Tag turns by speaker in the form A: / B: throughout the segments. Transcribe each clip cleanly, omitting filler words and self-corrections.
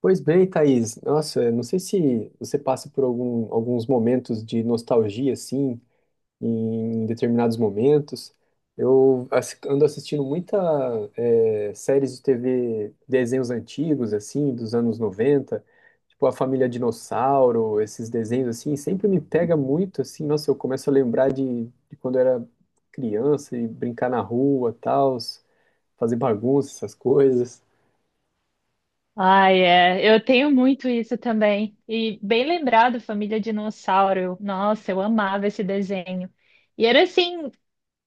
A: Pois bem, Thaís. Nossa, eu não sei se você passa por alguns momentos de nostalgia, assim, em determinados momentos. Ando assistindo muita séries de TV, desenhos antigos, assim, dos anos 90, tipo A Família Dinossauro, esses desenhos, assim, sempre me pega muito, assim, nossa, eu começo a lembrar de quando eu era criança e brincar na rua, tals, fazer bagunça, essas coisas.
B: Ai, é. Eu tenho muito isso também. E bem lembrado, Família Dinossauro. Nossa, eu amava esse desenho. E era assim,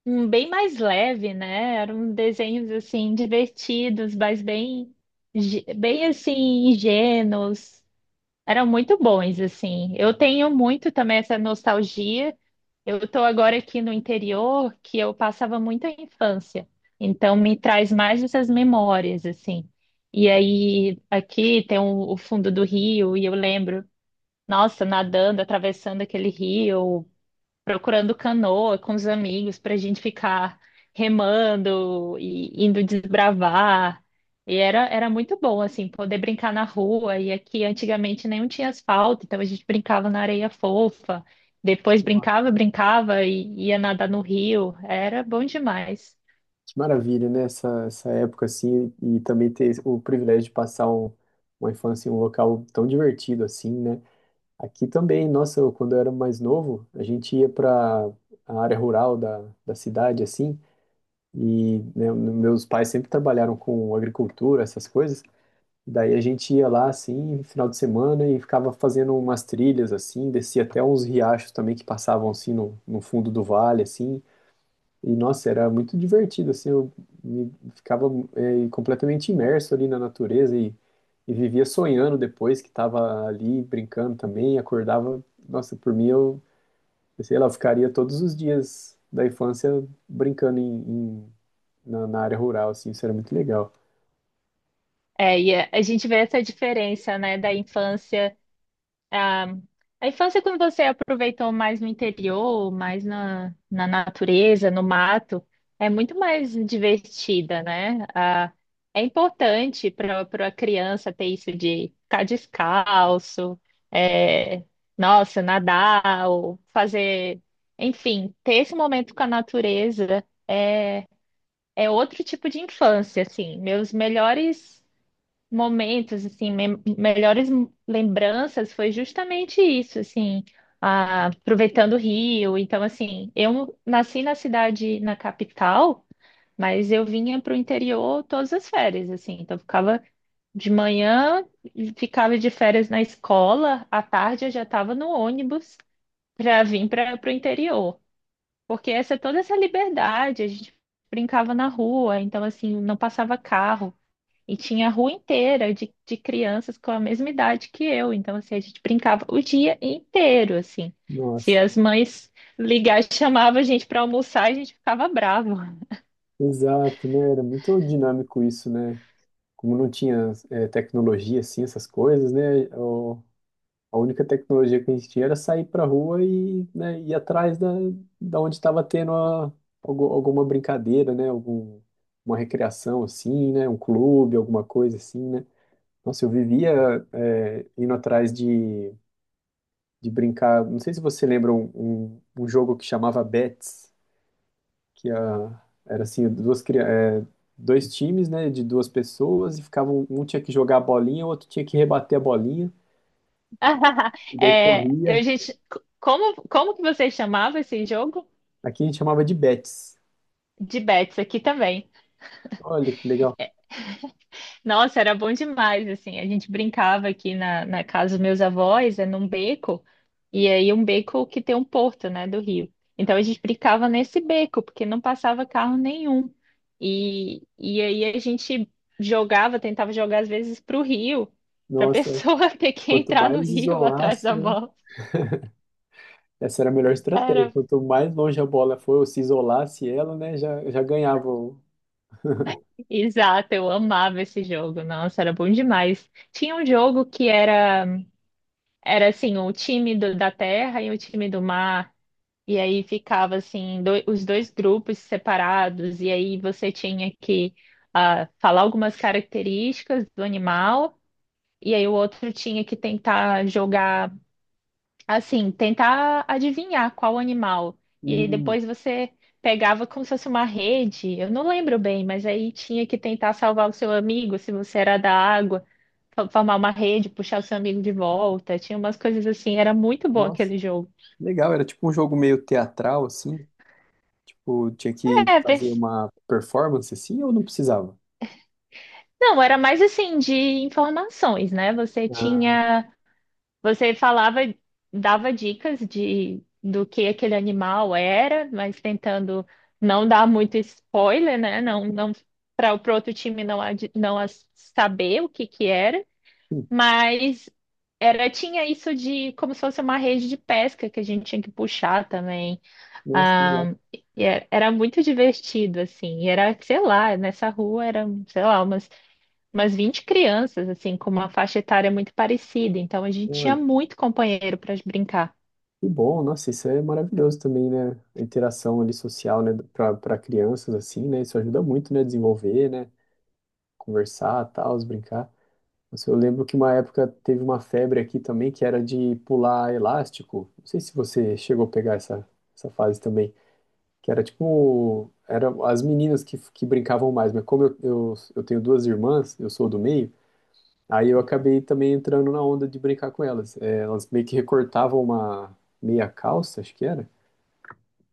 B: um bem mais leve, né? Eram desenhos assim divertidos, mas bem, bem assim ingênuos. Eram muito bons, assim. Eu tenho muito também essa nostalgia. Eu estou agora aqui no interior, que eu passava muita infância. Então, me traz mais essas memórias, assim. E aí, aqui tem o fundo do rio, e eu lembro, nossa, nadando, atravessando aquele rio, procurando canoa com os amigos para a gente ficar remando e indo desbravar. E era muito bom, assim, poder brincar na rua. E aqui antigamente nem tinha asfalto, então a gente brincava na areia fofa. Depois brincava, brincava e ia nadar no rio. Era bom demais.
A: Maravilha, né? Essa época assim, e também ter o privilégio de passar uma infância em um local tão divertido assim, né? Aqui também, nossa, eu, quando eu era mais novo, a gente ia para a área rural da cidade, assim, e né, meus pais sempre trabalharam com agricultura, essas coisas, daí a gente ia lá, assim, final de semana e ficava fazendo umas trilhas, assim, descia até uns riachos também que passavam, assim, no fundo do vale, assim, e, nossa, era muito divertido, assim, ficava completamente imerso ali na natureza e vivia sonhando depois que estava ali brincando também, acordava, nossa, por mim eu, sei lá, eu ficaria todos os dias da infância brincando em- na área rural, assim, isso era muito legal.
B: É, e a gente vê essa diferença, né, da infância. Ah, a infância, é quando você aproveitou mais no interior, mais na, na natureza, no mato, é muito mais divertida, né? Ah, é importante para a criança ter isso de ficar descalço, é, nossa, nadar, ou fazer, enfim, ter esse momento com a natureza é, é outro tipo de infância, assim. Meus melhores momentos, assim, melhores lembranças foi justamente isso, assim, aproveitando o rio. Então, assim, eu nasci na cidade, na capital, mas eu vinha para o interior todas as férias, assim, então eu ficava de manhã, ficava de férias na escola, à tarde eu já estava no ônibus para vir para o interior, porque essa toda essa liberdade, a gente brincava na rua, então, assim, não passava carro. E tinha a rua inteira de crianças com a mesma idade que eu. Então, assim, a gente brincava o dia inteiro, assim. Se
A: Nossa,
B: as mães ligar, chamavam a gente para almoçar, a gente ficava bravo.
A: exato, né, era muito dinâmico isso, né, como não tinha tecnologia, assim, essas coisas, né, o- A única tecnologia que a gente tinha era sair para rua e, né, ir atrás da onde estava tendo alguma brincadeira, né? Algum, uma recreação assim, né? Um clube, alguma coisa assim, né? Nossa, eu vivia indo atrás de brincar. Não sei se você lembra um jogo que chamava Bets, que a, era assim, dois times, né? De duas pessoas e ficavam, um tinha que jogar a bolinha, o outro tinha que rebater a bolinha. E daí
B: É,
A: corria.
B: eu, gente, como, como que você chamava esse jogo?
A: Aqui a gente chamava de Bets.
B: De bets aqui também.
A: Olha que legal.
B: Nossa, era bom demais, assim. A gente brincava aqui na, na casa dos meus avós, é num beco, e aí um beco que tem um porto, né, do rio. Então a gente brincava nesse beco, porque não passava carro nenhum. E aí a gente jogava, tentava jogar às vezes pro rio, para a
A: Nossa,
B: pessoa ter que
A: quanto
B: entrar no
A: mais
B: rio atrás
A: isolasse,
B: da
A: né?
B: bola.
A: Essa era a melhor estratégia.
B: Era,
A: Quanto mais longe a bola foi, ou se isolasse ela, né? Já, já ganhava. O-
B: exato, eu amava esse jogo. Nossa, era bom demais. Tinha um jogo que era assim, o da terra e o time do mar. E aí ficava assim, os dois grupos separados, e aí você tinha que ah, falar algumas características do animal, e aí o outro tinha que tentar jogar, assim, tentar adivinhar qual animal. E aí
A: Hum,
B: depois você pegava como se fosse uma rede, eu não lembro bem, mas aí tinha que tentar salvar o seu amigo, se você era da água, formar uma rede, puxar o seu amigo de volta, tinha umas coisas assim, era muito bom
A: nossa,
B: aquele jogo.
A: legal. Era tipo um jogo meio teatral, assim. Tipo, tinha que
B: É,
A: fazer uma performance assim ou não precisava?
B: não, era mais assim de informações, né? Você tinha, você falava, dava dicas de do que aquele animal era, mas tentando não dar muito spoiler, né? Não, não para o pro outro time não saber o que que era,
A: Hum,
B: mas era tinha isso de como se fosse uma rede de pesca que a gente tinha que puxar também.
A: nossa, que legal.
B: Ah, e era muito divertido assim. E era, sei lá, nessa rua era, sei lá, umas 20 crianças, assim, com uma faixa etária muito parecida. Então a gente tinha
A: Olha,
B: muito companheiro para brincar.
A: que bom, nossa, isso é maravilhoso também, né? A interação ali social, né? Pra crianças, assim, né? Isso ajuda muito, né? Desenvolver, né? Conversar, tal, brincar. Nossa, eu lembro que uma época teve uma febre aqui também, que era de pular elástico. Não sei se você chegou a pegar essa fase também. Que era tipo. Eram as meninas que brincavam mais, mas como eu tenho duas irmãs, eu sou do meio, aí eu acabei também entrando na onda de brincar com elas. É, elas meio que recortavam uma meia calça, acho que era,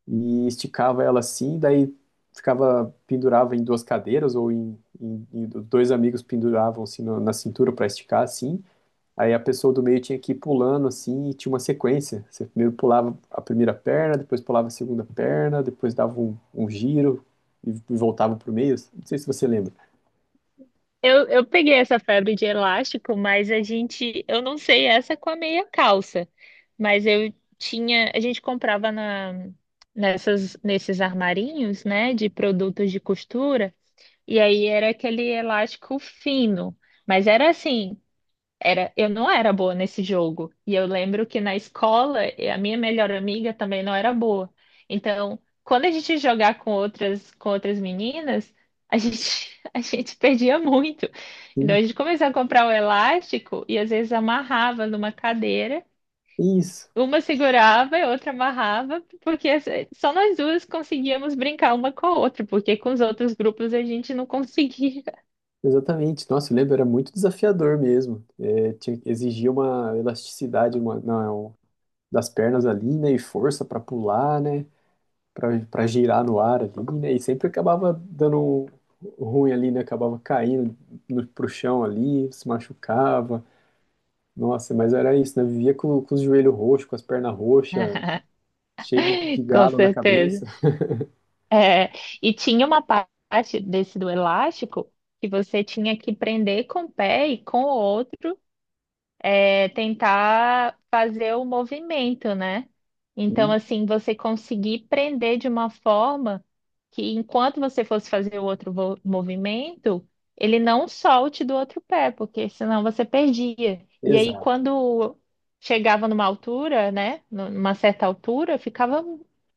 A: e esticava ela assim, daí ficava, pendurava em duas cadeiras, ou dois amigos penduravam assim na cintura para esticar assim. Aí a pessoa do meio tinha que ir pulando assim, e tinha uma sequência. Você primeiro pulava a primeira perna, depois pulava a segunda perna, depois dava um giro e voltava pro meio. Não sei se você lembra.
B: Eu peguei essa febre de elástico, mas a gente, eu não sei essa com a meia calça, mas eu tinha, a gente comprava na, nessas, nesses armarinhos, né, de produtos de costura, e aí era aquele elástico fino, mas era assim. Era, eu não era boa nesse jogo. E eu lembro que na escola, a minha melhor amiga também não era boa. Então, quando a gente ia jogar com outras meninas, a gente, a gente perdia muito. Então,
A: Sim.
B: a gente começou a comprar o elástico e às vezes amarrava numa cadeira.
A: Isso,
B: Uma segurava e outra amarrava, só nós duas conseguíamos brincar uma com a outra, porque com os outros grupos a gente não conseguia.
A: exatamente. Nossa, eu lembro, era muito desafiador mesmo. É, tinha, exigia uma elasticidade uma, não, é um, das pernas ali, né? E força para pular, né? Pra girar no ar ali, né? E sempre acabava dando um ruim ali, né? Acabava caindo no, pro chão ali, se machucava. Nossa, mas era isso, né? Vivia com os joelhos roxos, com as pernas roxas, cheio de
B: Com
A: galo na
B: certeza.
A: cabeça.
B: É, e tinha uma parte desse do elástico que você tinha que prender com o pé e com o outro é, tentar fazer o movimento, né? Então,
A: Sim,
B: assim, você conseguir prender de uma forma que, enquanto você fosse fazer o outro movimento, ele não solte do outro pé, porque senão você perdia. E aí,
A: exato.
B: quando chegava numa altura, né? Numa certa altura, ficava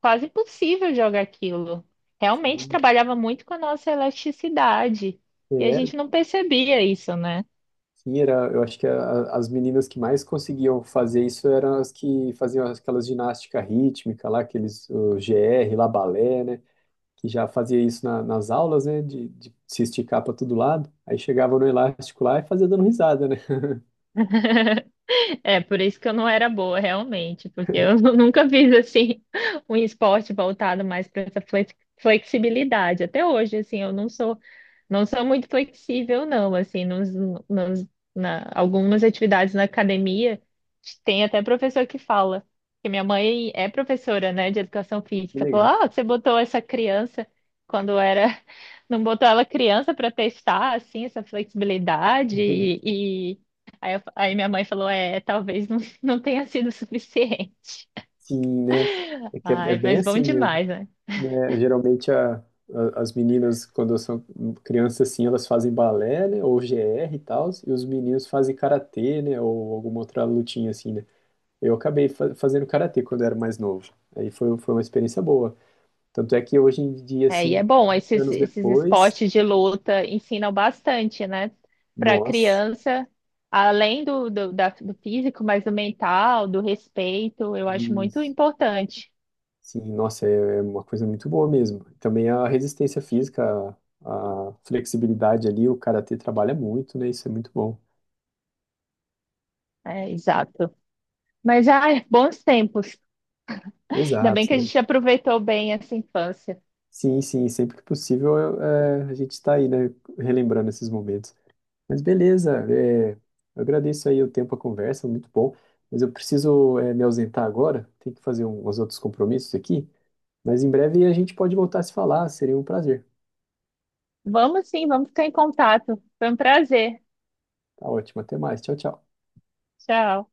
B: quase impossível jogar aquilo. Realmente
A: Sim.
B: trabalhava muito com a nossa elasticidade. E a
A: É,
B: gente não percebia isso, né?
A: sim, era, eu acho que a- as meninas que mais conseguiam fazer isso eram as que faziam aquelas ginástica rítmica lá, aqueles o GR, lá balé, né? Que já fazia isso na- nas aulas, né? De se esticar para todo lado. Aí chegava no elástico lá e fazia dando risada, né?
B: É, por isso que eu não era boa, realmente, porque eu nunca fiz assim um esporte voltado mais para essa flexibilidade. Até hoje, assim, eu não sou não sou muito flexível, não, assim, nos- na, algumas atividades na academia tem até professor que fala, que minha mãe é professora, né, de educação
A: Que
B: física, falou,
A: legal.
B: ah, você botou essa criança quando era, não botou ela criança para testar, assim, essa flexibilidade e aí, aí minha mãe falou, é, talvez não, não tenha sido suficiente.
A: Sim, né? É que é
B: Ai,
A: bem
B: mas bom
A: assim mesmo.
B: demais, né?
A: Né, geralmente as meninas, quando são crianças assim, elas fazem balé, né, ou GR e tal, e os meninos fazem karatê, né, ou alguma outra lutinha assim, né. Eu acabei fazendo karatê quando eu era mais novo. Aí foi uma experiência boa. Tanto é que hoje em dia,
B: É, e
A: assim,
B: é bom,
A: 20 anos
B: esses
A: depois,
B: esportes de luta ensinam bastante, né? Para a
A: nossa,
B: criança, além do físico, mas do mental, do respeito, eu acho muito
A: isso,
B: importante.
A: sim, nossa, é uma coisa muito boa mesmo. Também a resistência física, a flexibilidade ali, o karatê trabalha muito, né, isso é muito bom.
B: É, exato. Mas, ai, bons tempos. Ainda
A: Exato,
B: bem que a
A: né.
B: gente aproveitou bem essa infância.
A: Sim, sim, sempre que possível a gente está aí, né, relembrando esses momentos. Mas beleza, eu agradeço aí o tempo, a conversa, muito bom. Mas eu preciso me ausentar agora, tenho que fazer uns outros compromissos aqui. Mas em breve a gente pode voltar a se falar, seria um prazer.
B: Vamos sim, vamos ficar em contato. Foi um prazer.
A: Tá ótimo, até mais, tchau, tchau.
B: Tchau.